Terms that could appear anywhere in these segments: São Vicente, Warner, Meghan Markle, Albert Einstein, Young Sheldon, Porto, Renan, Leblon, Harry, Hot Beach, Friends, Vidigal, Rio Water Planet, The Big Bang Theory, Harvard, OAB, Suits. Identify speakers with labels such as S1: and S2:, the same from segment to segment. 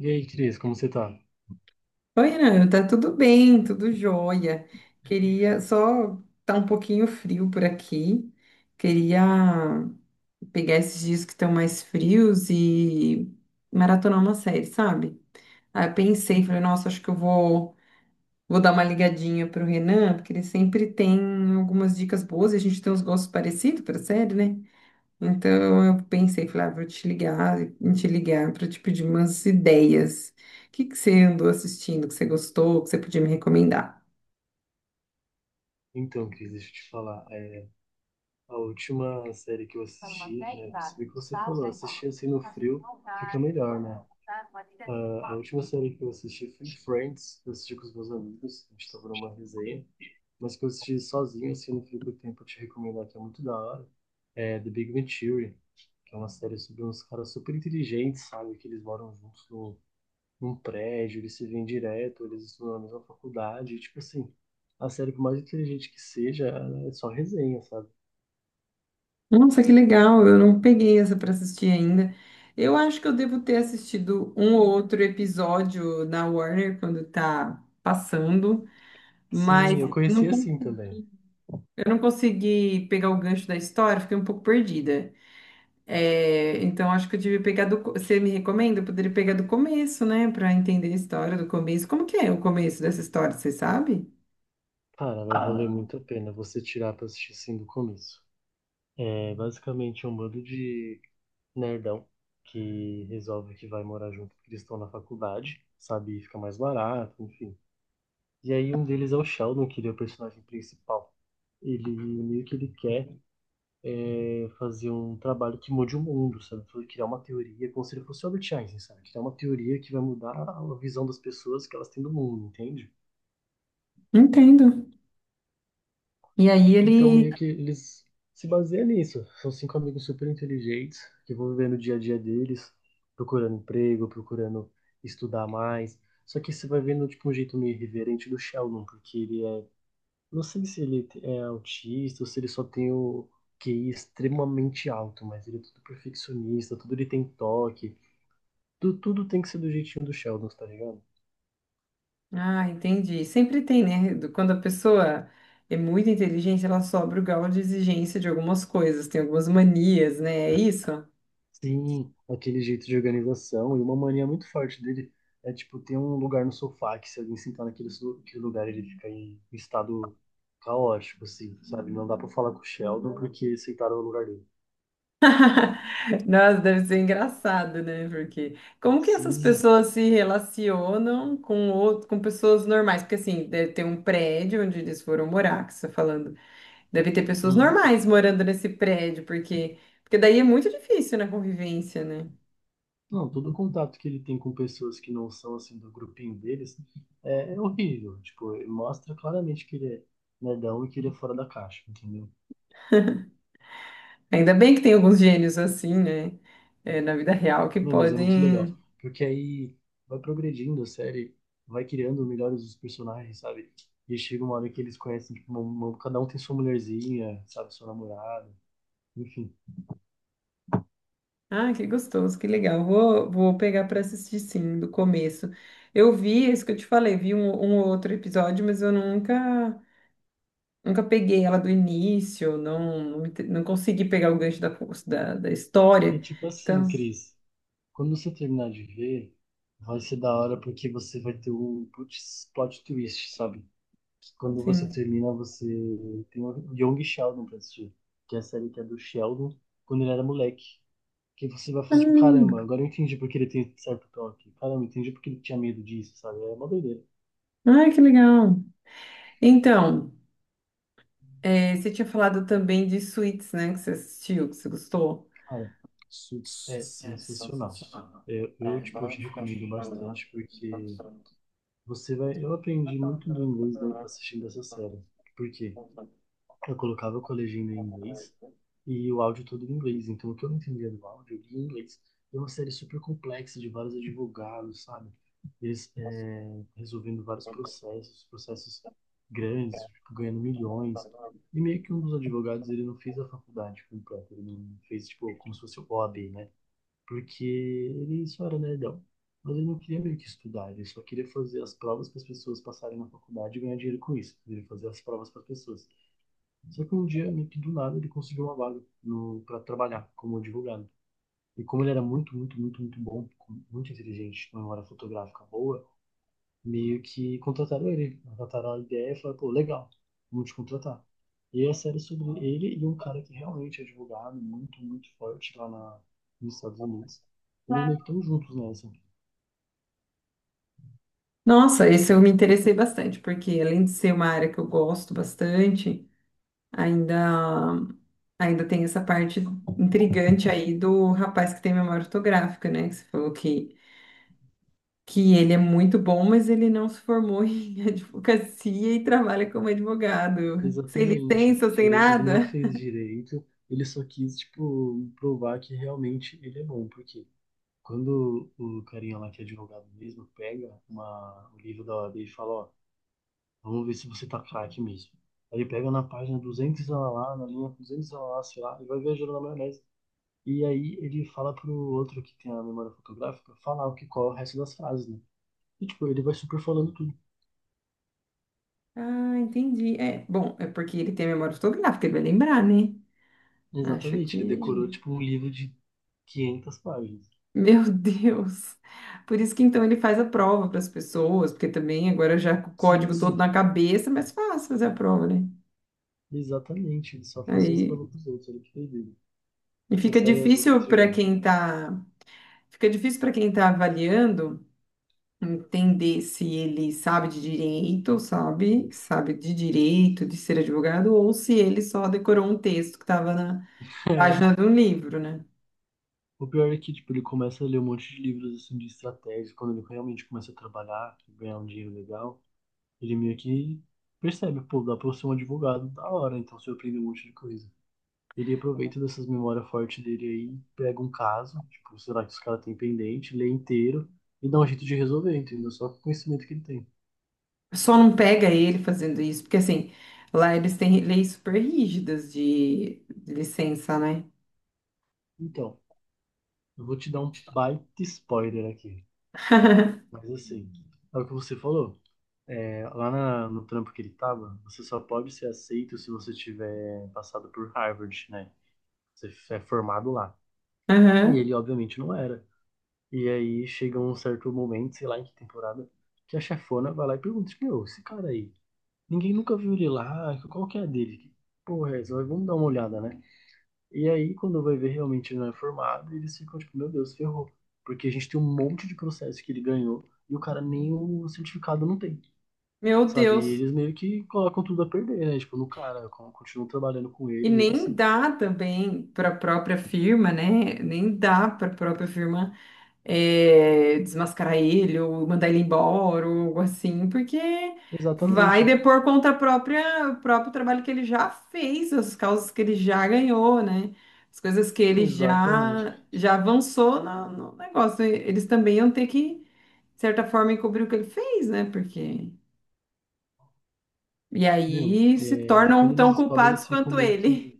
S1: E aí, Cris, como você tá?
S2: Oi, Ana, tá tudo bem, tudo jóia. Queria só tá um pouquinho frio por aqui. Queria pegar esses dias que estão mais frios e maratonar uma série, sabe? Aí eu pensei, falei, nossa, acho que eu vou dar uma ligadinha pro Renan, porque ele sempre tem algumas dicas boas e a gente tem uns gostos parecidos pra série, né? Então eu pensei, falei, ah, vou te ligar para te pedir umas ideias. O que que você andou assistindo, que você gostou, que você podia me recomendar?
S1: Então, Cris, deixa eu te falar. A última série que eu assisti, né? Percebi que você falou, assistir assim no frio fica melhor, né? Ah, a última série que eu assisti foi Friends, que eu assisti com os meus amigos, a gente tava numa resenha, mas que eu assisti sozinho, assim, no frio do tempo, eu te recomendar que é muito da hora. É The Big Bang Theory, que é uma série sobre uns caras super inteligentes, sabe? Que eles moram juntos num prédio, eles se veem direto, eles estudam na mesma faculdade, tipo assim, a série, por mais inteligente que seja, ela é só resenha, sabe?
S2: Nossa, que legal, eu não peguei essa para assistir ainda. Eu acho que eu devo ter assistido um ou outro episódio na Warner quando tá passando,
S1: Sim,
S2: mas
S1: eu
S2: não
S1: conheci
S2: con-
S1: assim também.
S2: eu não consegui pegar o gancho da história, fiquei um pouco perdida. É, então acho que eu tive que Você me recomenda? Eu poderia pegar do começo, né? Pra entender a história do começo. Como que é o começo dessa história, você sabe?
S1: Cara, vai valer muito a pena você tirar pra assistir assim do começo. É basicamente um bando de nerdão que resolve que vai morar junto porque eles estão na faculdade, sabe? E fica mais barato, enfim. E aí um deles é o Sheldon, que ele é o personagem principal. Ele meio que ele quer fazer um trabalho que mude o mundo, sabe? Criar uma teoria, como se ele fosse o Albert Einstein, sabe? Criar uma teoria que vai mudar a visão das pessoas que elas têm do mundo, entende?
S2: Entendo. E aí
S1: Então,
S2: ele.
S1: meio que eles se baseiam nisso. São cinco amigos super inteligentes que vão viver no dia a dia deles, procurando emprego, procurando estudar mais. Só que você vai vendo, tipo, um jeito meio irreverente do Sheldon, porque ele é... Não sei se ele é autista ou se ele só tem o QI extremamente alto, mas ele é tudo perfeccionista, tudo ele tem toque. Tudo tem que ser do jeitinho do Sheldon, tá ligado?
S2: Ah, entendi. Sempre tem, né? Quando a pessoa é muito inteligente, ela sobe o grau de exigência de algumas coisas, tem algumas manias, né? É isso?
S1: Sim, aquele jeito de organização e uma mania muito forte dele é, tipo, ter um lugar no sofá que se alguém sentar aquele lugar ele fica em estado caótico, assim, sabe? Não dá pra falar com o Sheldon porque sentaram no lugar dele.
S2: Nossa, deve ser engraçado, né? Porque como que essas
S1: Sim.
S2: pessoas se relacionam com outro, com pessoas normais? Porque assim, deve ter um prédio onde eles foram morar, que você está falando. Deve ter pessoas
S1: Uhum.
S2: normais morando nesse prédio, porque daí é muito difícil na convivência, né?
S1: Não, todo contato que ele tem com pessoas que não são, assim, do grupinho deles é horrível. Tipo, ele mostra claramente que ele é nerdão e que ele é fora da caixa, entendeu?
S2: Ainda bem que tem alguns gênios assim, né? É, na vida real que
S1: Não, mas é muito legal,
S2: podem.
S1: porque aí vai progredindo a série, vai criando melhores os personagens, sabe? E chega uma hora que eles conhecem, tipo, cada um tem sua mulherzinha, sabe, sua namorada, enfim.
S2: Ah, que gostoso, que legal. Vou pegar para assistir sim, do começo. Eu vi, é isso que eu te falei, vi um ou outro episódio, mas eu nunca peguei ela do início, não, não, não consegui pegar o gancho da
S1: E
S2: história.
S1: tipo
S2: Então,
S1: assim, Cris, quando você terminar de ver, vai ser da hora porque você vai ter um putz, plot twist, sabe? Que Quando você
S2: sim.
S1: termina, você tem o Young Sheldon pra assistir, que é a série que é do Sheldon quando ele era moleque. Que você vai falar, tipo, caramba,
S2: Ah,
S1: agora eu entendi porque ele tem certo toque. Caramba, eu entendi porque ele tinha medo disso, sabe? É uma doideira.
S2: Ai, que legal. Então. É, você tinha falado também de Suits, né? Que você assistiu, que você gostou.
S1: Cara, Suits é sensacional. Tipo, te recomendo bastante porque você vai. Eu aprendi muito do inglês, né, assistindo essa série. Por quê? Eu colocava o legenda em inglês e o áudio todo em inglês. Então, o que eu não entendia do áudio, eu lia em inglês. É uma série super complexa de vários advogados, sabe? Eles resolvendo vários processos, processos grandes, tipo, ganhando milhões. E meio que um dos advogados, ele não fez a faculdade completa, ele não fez, tipo, como se fosse o OAB, né? Porque ele só era nerdão. Mas ele não queria meio que estudar, ele só queria fazer as provas para as pessoas passarem na faculdade e ganhar dinheiro com isso. Ele queria fazer as provas para as pessoas. Só que um dia, meio que do nada, ele conseguiu uma vaga no, para trabalhar como advogado. E como ele era muito, muito, muito, muito bom, muito inteligente, com uma memória fotográfica boa, meio que contrataram ele. Contrataram a ideia e falaram, pô, legal, vamos te contratar. E a série é sobre ele e um cara que realmente é advogado, muito, muito forte nos Estados Unidos. Eles meio que estão juntos nessa.
S2: Nossa, esse eu me interessei bastante, porque além de ser uma área que eu gosto bastante, ainda, ainda tem essa parte intrigante aí do rapaz que tem memória fotográfica, né? Que você falou que ele é muito bom, mas ele não se formou em advocacia e trabalha como advogado. Sem
S1: Exatamente.
S2: licença, sem
S1: Ele não
S2: nada.
S1: fez direito, ele só quis, tipo, provar que realmente ele é bom. Porque Quando o carinha lá que é advogado mesmo pega o livro da OAB e fala, ó, vamos ver se você tá craque mesmo. Aí ele pega na página 200 ela lá, na linha 200 ela lá, sei lá, e vai viajando na maionese. E aí ele fala pro outro que tem a memória fotográfica falar o que qual é o resto das frases, né? E tipo, ele vai super falando tudo.
S2: Ah, entendi. É, bom, é porque ele tem memória fotográfica, ele vai lembrar, né? Acho
S1: Exatamente, ele decorou
S2: que.
S1: tipo um livro de 500 páginas.
S2: Meu Deus! Por isso que então ele faz a prova para as pessoas, porque também agora já com o código todo
S1: Sim,
S2: na cabeça, é mais fácil fazer a prova, né?
S1: exatamente, ele só fazia isso para
S2: Aí
S1: os outros, ele que fez ele.
S2: e
S1: Essa
S2: fica
S1: série é muito
S2: difícil para
S1: intrigante.
S2: quem tá, fica difícil para quem tá avaliando entender se ele sabe de direito, sabe, sabe de direito, de ser advogado, ou se ele só decorou um texto que estava na página de um livro, né?
S1: O pior é que, tipo, ele começa a ler um monte de livros, assim, de estratégia. Quando ele realmente começa a trabalhar, ganhar um dinheiro legal, ele meio que percebe, pô, dá pra eu ser um advogado da hora, então se eu aprender um monte de coisa. Ele aproveita dessas memórias fortes dele aí, pega um caso, tipo, será que os caras têm pendente, lê inteiro e dá um jeito de resolver, entendeu? Só com o conhecimento que ele tem.
S2: Só não pega ele fazendo isso, porque assim, lá eles têm leis super rígidas de licença, né?
S1: Então, eu vou te dar um baita spoiler aqui. Mas assim, é o que você falou. É, no trampo que ele tava, você só pode ser aceito se você tiver passado por Harvard, né? Você é formado lá. E
S2: Aham.
S1: ele, obviamente, não era. E aí chega um certo momento, sei lá em que temporada, que a chefona vai lá e pergunta: tipo, meu, esse cara aí, ninguém nunca viu ele lá, qual que é a dele? Que porra é essa? Vamos dar uma olhada, né? E aí, quando vai ver realmente ele não é formado, eles ficam tipo: meu Deus, ferrou. Porque a gente tem um monte de processo que ele ganhou e o cara nem o certificado não tem.
S2: Meu
S1: Sabe? E
S2: Deus.
S1: eles meio que colocam tudo a perder, né? Tipo, no cara, continuam trabalhando com
S2: E
S1: ele mesmo
S2: nem
S1: assim.
S2: dá também para a própria firma, né? Nem dá para a própria firma desmascarar ele ou mandar ele embora ou algo assim, porque vai
S1: Exatamente.
S2: depor contra a própria, o próprio trabalho que ele já fez, as causas que ele já ganhou, né? As coisas que ele
S1: Exatamente.
S2: já, já avançou no negócio. E Eles também iam ter que, de certa forma, encobrir o que ele fez, né? Porque. E aí se tornam
S1: Quando eles
S2: tão
S1: descobrem,
S2: culpados
S1: eles ficam
S2: quanto
S1: meio
S2: ele.
S1: que.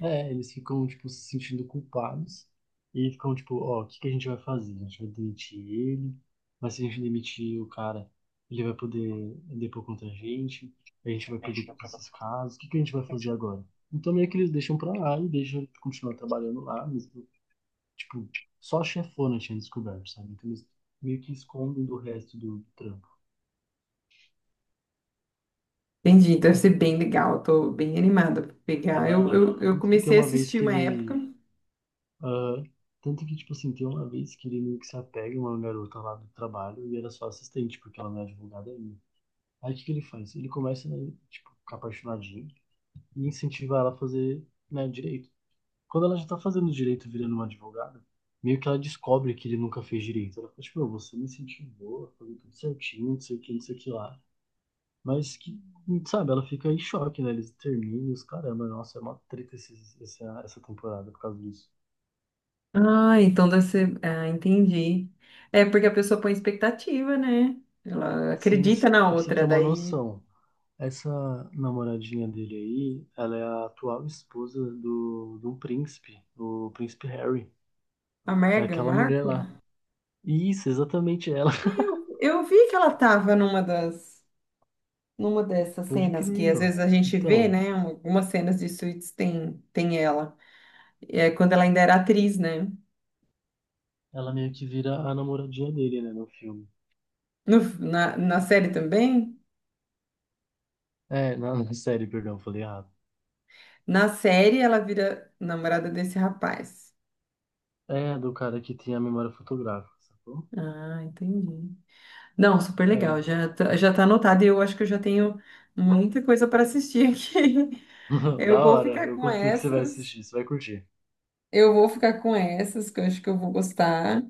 S1: É, eles ficam, tipo, se sentindo culpados. E ficam, tipo, ó, o que que a gente vai fazer? A gente vai demitir ele, mas se a gente demitir o cara, ele vai poder depor contra a gente vai perder todos esses casos, o que que a gente vai fazer agora? Então meio que eles deixam pra lá e deixam ele continuar trabalhando lá, mesmo. Tipo, só a chefona tinha descoberto, sabe? Então eles meio que escondem do resto do trampo.
S2: Entendi, então deve ser bem legal, tô bem animada pra
S1: É
S2: pegar.
S1: da
S2: Eu,
S1: hora.
S2: eu, eu
S1: Tanto que tem
S2: comecei a
S1: uma vez
S2: assistir
S1: que
S2: uma época,
S1: ele. ah, Tanto que, tipo assim, tem uma vez que ele meio que se apega a uma garota lá do trabalho e era só assistente, porque ela não é advogada ainda. Aí o que que ele faz? Ele começa, né, tipo, ficar apaixonadinho e incentiva ela a fazer, né, direito. Quando ela já tá fazendo direito, virando uma advogada, meio que ela descobre que ele nunca fez direito. Ela fala, tipo, "Meu, você me incentivou a fazer tudo certinho, não sei o que, não sei o que lá. Mas que, sabe, ela fica em choque, né? Eles terminam e os caramba, nossa, é uma treta essa, essa temporada por causa disso.
S2: Ah, então deve ser. Ah, entendi. É porque a pessoa põe expectativa, né? Ela
S1: Sim,
S2: acredita na
S1: e pra você ter
S2: outra,
S1: uma
S2: daí
S1: noção, essa namoradinha dele aí, ela é a atual esposa do príncipe Harry,
S2: a
S1: é
S2: Meghan
S1: aquela mulher
S2: Markle.
S1: lá. Isso, exatamente ela.
S2: Eu vi que ela tava numa das. Numa dessas
S1: Pode
S2: cenas
S1: crer,
S2: que às
S1: meu.
S2: vezes a gente vê,
S1: Então,
S2: né? Algumas cenas de Suits tem, tem ela. É quando ela ainda era atriz, né?
S1: ela meio que vira a namoradinha dele, né, no filme.
S2: Na série também?
S1: É, na série, perdão, falei errado.
S2: Na série ela vira namorada desse rapaz.
S1: É, do cara que tem a memória fotográfica, sacou?
S2: Ah, entendi. Não, super
S1: É.
S2: legal. Já tá anotado e eu acho que eu já tenho muita coisa para assistir aqui.
S1: Da
S2: Eu vou
S1: hora,
S2: ficar
S1: eu
S2: com
S1: confio que você vai
S2: essas.
S1: assistir, você vai curtir.
S2: Eu vou ficar com essas, que eu acho que eu vou gostar.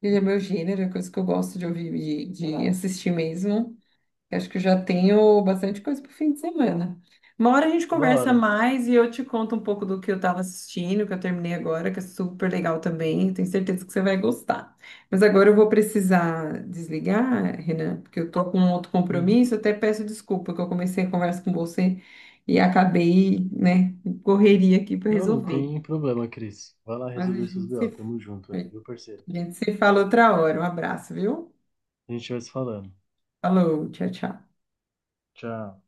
S2: Ele é meu gênero, é coisa que eu gosto de ouvir, de assistir mesmo. Eu acho que eu já tenho bastante coisa para o fim de semana. Uma hora a gente
S1: Da
S2: conversa
S1: hora.
S2: mais e eu te conto um pouco do que eu estava assistindo, que eu terminei agora, que é super legal também. Tenho certeza que você vai gostar. Mas agora eu vou precisar desligar, Renan, porque eu tô com um outro
S1: Uhum.
S2: compromisso. Até peço desculpa que eu comecei a conversa com você e acabei, né, em correria aqui para
S1: Não, não
S2: resolver.
S1: tem problema, Cris. Vai lá
S2: Mas
S1: resolver seus BO, tamo junto
S2: a
S1: aí, viu, parceiro?
S2: gente se fala outra hora. Um abraço, viu?
S1: A gente vai se falando.
S2: Falou, tchau, tchau.
S1: Tchau.